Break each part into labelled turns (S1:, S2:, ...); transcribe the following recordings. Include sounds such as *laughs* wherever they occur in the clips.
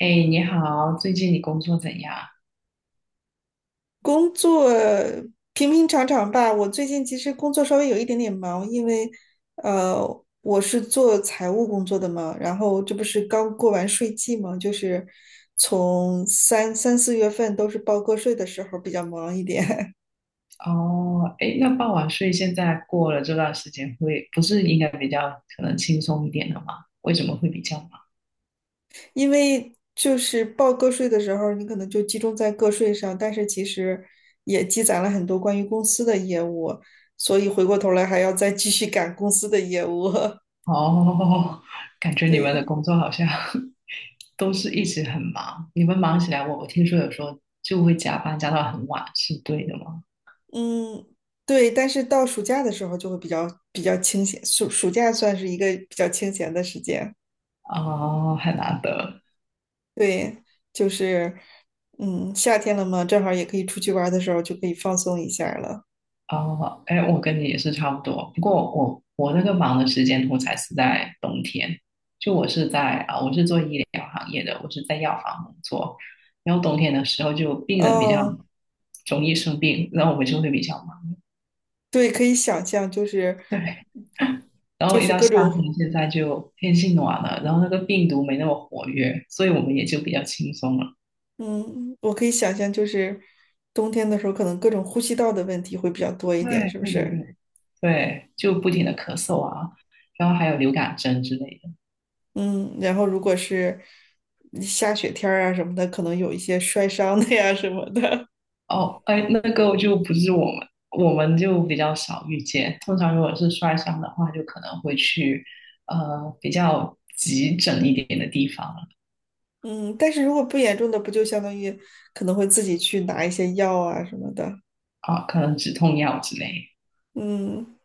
S1: 哎，你好，最近你工作怎样？
S2: 工作平平常常吧。我最近其实工作稍微有一点点忙，因为呃，我是做财务工作的嘛，然后这不是刚过完税季嘛，就是从三四月份都是报个税的时候比较忙一点，
S1: 哦，哎，那傍晚睡现在过了这段时间会，不是应该比较可能轻松一点了吗？为什么会比较忙？
S2: *laughs* 因为就是报个税的时候，你可能就集中在个税上，但是其实也积攒了很多关于公司的业务，所以回过头来还要再继续赶公司的业务，
S1: 哦，*laughs* 感
S2: *laughs*
S1: 觉你们的
S2: 对。
S1: 工作好像 *laughs* 都是一直很忙，你们忙起来，我听说有时候就会加班加到很晚，是对的吗？
S2: 嗯，对，但是到暑假的时候就会比较清闲，暑假算是一个比较清闲的时间。
S1: 哦，很难得。
S2: 对，就是，嗯，夏天了嘛，正好也可以出去玩儿的时候就可以放松一下儿了。
S1: 哦，哎，我跟你也是差不多，不过我那个忙的时间通才是在冬天，就我是在啊、我是做医疗行业的，我是在药房工作，然后冬天的时候就病人比较
S2: 哦，
S1: 容易生病，然后我们就会比较忙，
S2: 对，可以想象，就是
S1: 对，然
S2: 就
S1: 后一
S2: 是
S1: 到
S2: 各
S1: 夏天，
S2: 种，
S1: 现在就天气暖了，然后那个病毒没那么活跃，所以我们也就比较轻松了，
S2: 嗯，我可以想象，就是冬天的时候可能各种呼吸道的问题会比较多一点，
S1: 对
S2: 是不
S1: 对对
S2: 是？
S1: 对对，就不停的咳嗽啊，然后还有流感针之类的。
S2: 嗯，然后如果是下雪天儿啊什么的，可能有一些摔伤的呀什么的。
S1: 哦，哎，那个就不是我们，我们就比较少遇见。通常如果是摔伤的话，就可能会去比较急诊一点的地方
S2: 嗯，但是如果不严重的，不就相当于可能会自己去拿一些药啊什么的。
S1: 啊，可能止痛药之类。
S2: 嗯，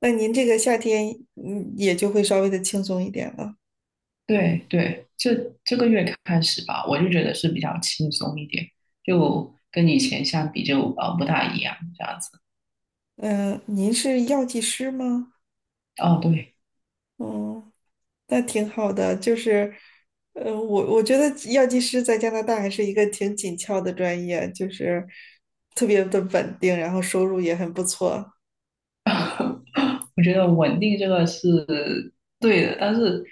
S2: 那您这个夏天，嗯，也就会稍微的轻松一点了。
S1: 对对，这这个月开始吧，我就觉得是比较轻松一点，就跟以前相比就不大一样这样子。
S2: 嗯，您是药剂师吗？
S1: 哦，对。
S2: 嗯，那挺好的。就是，我觉得药剂师在加拿大还是一个挺紧俏的专业，就是特别的稳定，然后收入也很不错，
S1: 我觉得稳定这个是对的，但是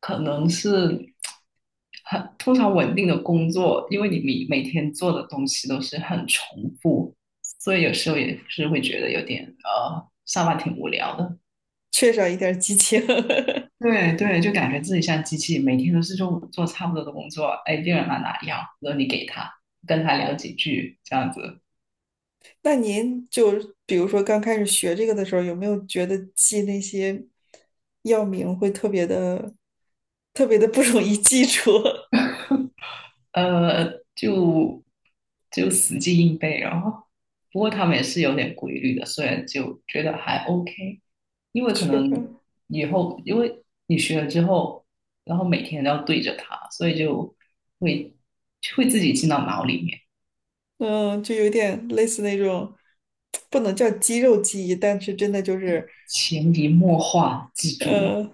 S1: 可能是很通常稳定的工作，因为你每天做的东西都是很重复，所以有时候也是会觉得有点上班挺无聊的。
S2: 缺少一点儿激情。*laughs*
S1: 对对，就感觉自己像机器，每天都是做做差不多的工作。哎，第二来哪里啊然后你给他，跟他聊几句，这样子。
S2: 那您就比如说刚开始学这个的时候，有没有觉得记那些药名会特别的、特别的不容易记住？
S1: 呃，就就死记硬背，然后不过他们也是有点规律的，所以就觉得还 OK，因为
S2: *laughs*
S1: 可
S2: 是吧？
S1: 能以后因为你学了之后，然后每天都要对着它，所以就会会自己进到脑里面，
S2: 嗯，就有点类似那种，不能叫肌肉记忆，但是真的就是，
S1: 潜移默化记住了。
S2: 呃，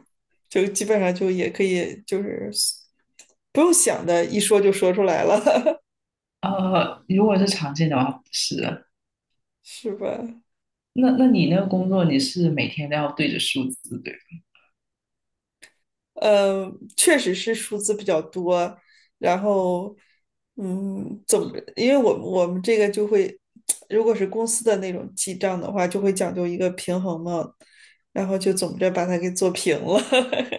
S2: 就基本上就也可以，就是不用想的，一说就说出来了，
S1: 如果是常见的话，不是的。
S2: *laughs* 是吧？
S1: 那你那个工作，你是每天都要对着数字，对吧？
S2: 确实是数字比较多，然后，嗯，总因为我们这个就会，如果是公司的那种记账的话，就会讲究一个平衡嘛，然后就总着把它给做平了。*laughs*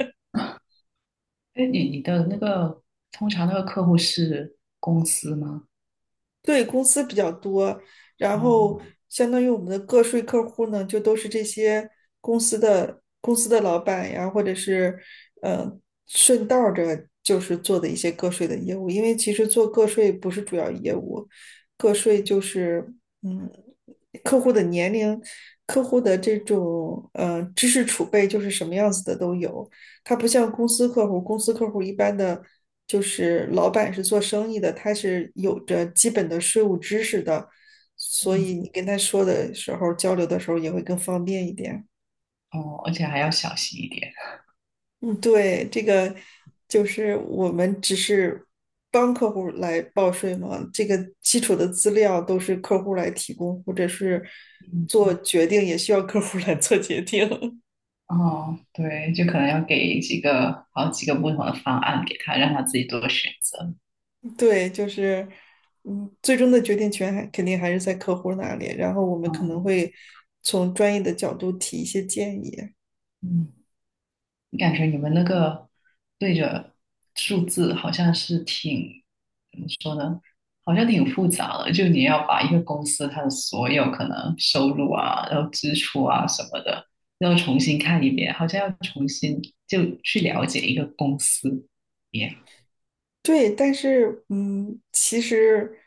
S1: 哎，你的那个通常那个客户是公司吗？
S2: 对，公司比较多，然
S1: 哦
S2: 后相当于我们的个税客户呢，就都是这些公司的老板呀，或者是呃顺道儿着就是做的一些个税的业务，因为其实做个税不是主要业务，个税就是嗯客户的年龄、客户的这种知识储备就是什么样子的都有，他不像公司客户，公司客户一般的就是老板是做生意的，他是有着基本的税务知识的，所以你跟他说的时候，交流的时候也会更方便一点。
S1: 哦，而且还要小心一点。
S2: 嗯，对，这个就是我们只是帮客户来报税嘛，这个基础的资料都是客户来提供，或者是
S1: 嗯，
S2: 做决定也需要客户来做决定。*laughs*
S1: 哦，对，就可能要给几个好几个不同的方案给他，让他自己做选择。
S2: 对，就是，嗯，最终的决定权还肯定还是在客户那里，然后我们可能
S1: 嗯
S2: 会从专业的角度提一些建议。
S1: 嗯，你感觉你们那个对着数字好像是挺怎么说呢？好像挺复杂的，就你要把一个公司它的所有可能收入啊，然后支出啊什么的，要重新看一遍，好像要重新就去了解一个公司一样。
S2: 对，但是，嗯，其实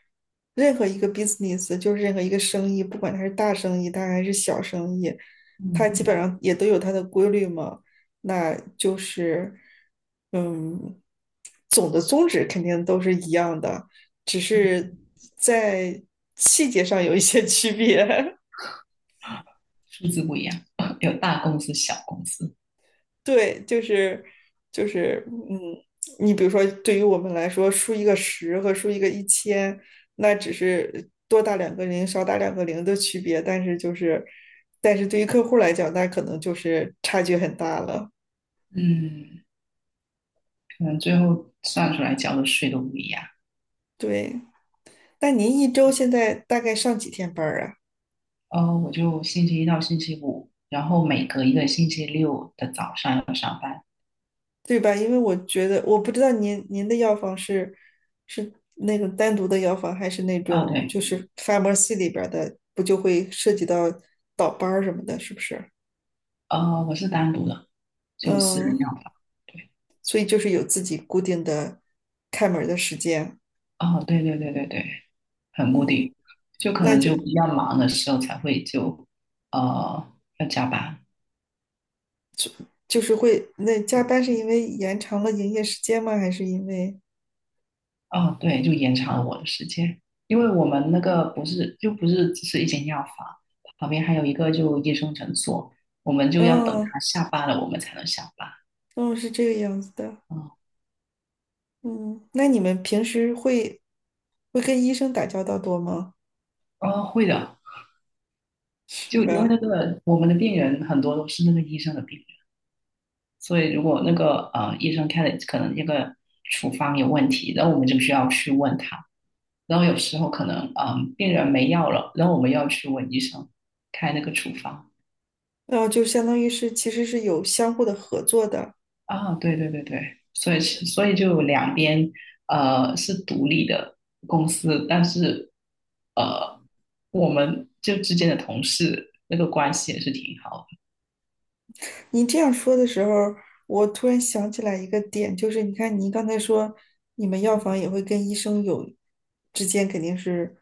S2: 任何一个 business，就是任何一个生意，不管它是大生意，它还是小生意，
S1: 嗯
S2: 它基本上也都有它的规律嘛。那就是，嗯，总的宗旨肯定都是一样的，只是在细节上有一些区别。*laughs*
S1: 数字不一样，有大公司、小公司，
S2: 对，就是，嗯，你比如说，对于我们来说，输一个十和输一个1000，那只是多打两个零、少打两个零的区别，但是就是，但是对于客户来讲，那可能就是差距很大了。
S1: 嗯，可能最后算出来交的税都不一样。
S2: 对，那您一周现在大概上几天班儿啊？
S1: 哦，我就星期一到星期五，然后每隔一个星期六的早上要上班。
S2: 对吧？因为我觉得我不知道您的药房是那种单独的药房，还是那
S1: 啊，
S2: 种
S1: 对，
S2: 就是 pharmacy 里边儿的，不就会涉及到倒班儿什么的，是不是？
S1: 我是单独的，就有私人
S2: 嗯，
S1: 药房。对，
S2: 所以就是有自己固定的开门儿的时间。
S1: 哦，对对对对对，很固
S2: 嗯，
S1: 定，就可
S2: 那
S1: 能
S2: 就
S1: 就比较忙的时候才会就呃要加班。
S2: 就是会，那加班是因为延长了营业时间吗？还是因为，
S1: 哦，对，就延长了我的时间，因为我们那个不是就不是只是一间药房，旁边还有一个就医生诊所，我们就要等
S2: 嗯。
S1: 他下班了，我们才能下班。
S2: 嗯是这个样子的。
S1: 嗯，
S2: 嗯，那你们平时会跟医生打交道多吗？
S1: 哦，会的，
S2: 是
S1: 就因
S2: 吧？
S1: 为那个我们的病人很多都是那个医生的病人，所以如果那个医生开的可能那个处方有问题，然后我们就需要去问他，然后有时候可能嗯、病人没药了，然后我们要去问医生开那个处方。
S2: 哦，就相当于是其实是有相互的合作的。
S1: 啊，对对对对，所以是所以就两边是独立的公司，但是呃我们就之间的同事那个关系也是挺好
S2: 你这样说的时候，我突然想起来一个点，就是你看，你刚才说你
S1: 的。
S2: 们药
S1: 嗯，
S2: 房也会跟医生有之间肯定是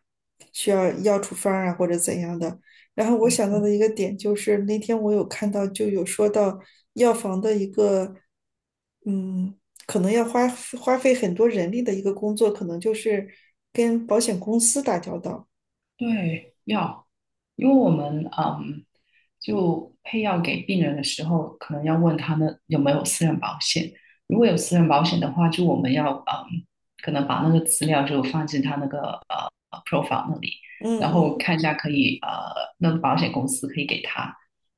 S2: 需要药处方啊或者怎样的。然后我
S1: 对。
S2: 想到的一个点就是那天我有看到就有说到药房的一个，嗯，可能要花费很多人力的一个工作，可能就是跟保险公司打交道。
S1: 对，要，因为我们嗯，就配药给病人的时候，可能要问他们有没有私人保险。如果有私人保险的话，就我们要嗯，可能把那个资料就放进他那个profile 那里，
S2: 嗯
S1: 然后
S2: 嗯。
S1: 看一下可以那个保险公司可以给他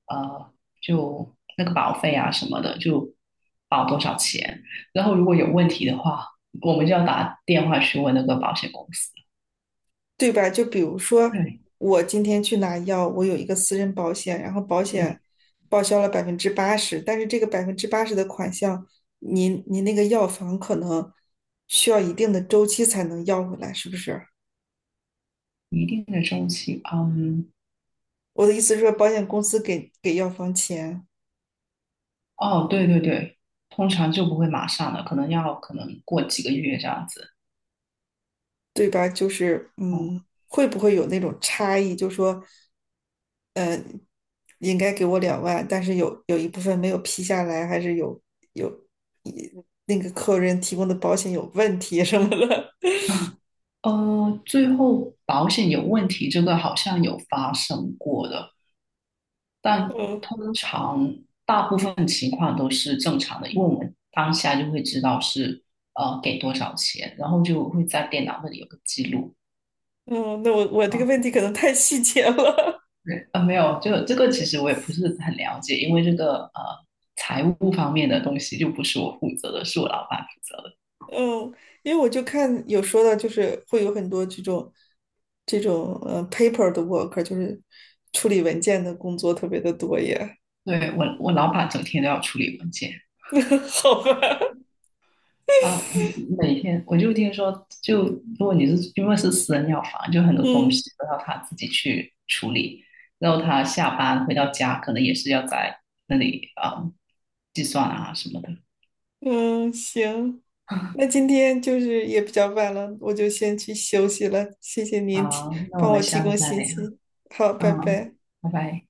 S1: 呃，就那个保费啊什么的，就保多少钱。然后如果有问题的话，我们就要打电话去问那个保险公司。
S2: 对吧？就比如说，
S1: 对，
S2: 我今天去拿药，我有一个私人保险，然后保险
S1: 嗯。
S2: 报销了百分之八十，但是这个百分之八十的款项，您那个药房可能需要一定的周期才能要回来，是不是？
S1: 一定的周期，嗯，
S2: 我的意思是说，保险公司给药房钱，
S1: 哦，对对对，通常就不会马上了，可能要可能过几个月这样子。
S2: 对吧？就是
S1: 哦，
S2: 会不会有那种差异？就说嗯，应该给我2万，但是有一部分没有批下来，还是有一那个客人提供的保险有问题什么的。
S1: 最后保险有问题，这个好像有发生过的，
S2: *laughs*
S1: 但
S2: 嗯
S1: 通常大部分情况都是正常的，因为我们当下就会知道是给多少钱，然后就会在电脑那里有个记录。
S2: 嗯，那我这个
S1: 啊。
S2: 问题可能太细节了。
S1: 对，啊，没有，就这个其实我也不是很了解，因为这个财务方面的东西就不是我负责的，是我老板负责的。
S2: *laughs* 嗯，因为我就看有说到，就是会有很多这种paper 的 work，就是处理文件的工作特别的多耶。
S1: 对，我老板整天都要处理文件
S2: *laughs* 好吧，
S1: 啊，每天我就听说，就如果你是因为是私人药房，就很多东
S2: 嗯。
S1: 西都要他自己去处理，然后他下班回到家可能也是要在那里啊、计算啊什么的。
S2: 嗯，行，那
S1: *laughs*
S2: 今天就是也比较晚了，我就先去休息了。谢谢您提，
S1: 好，那我
S2: 帮
S1: 们
S2: 我提
S1: 下次
S2: 供
S1: 再
S2: 信
S1: 聊。
S2: 息。好，拜
S1: 嗯，
S2: 拜。
S1: 拜拜。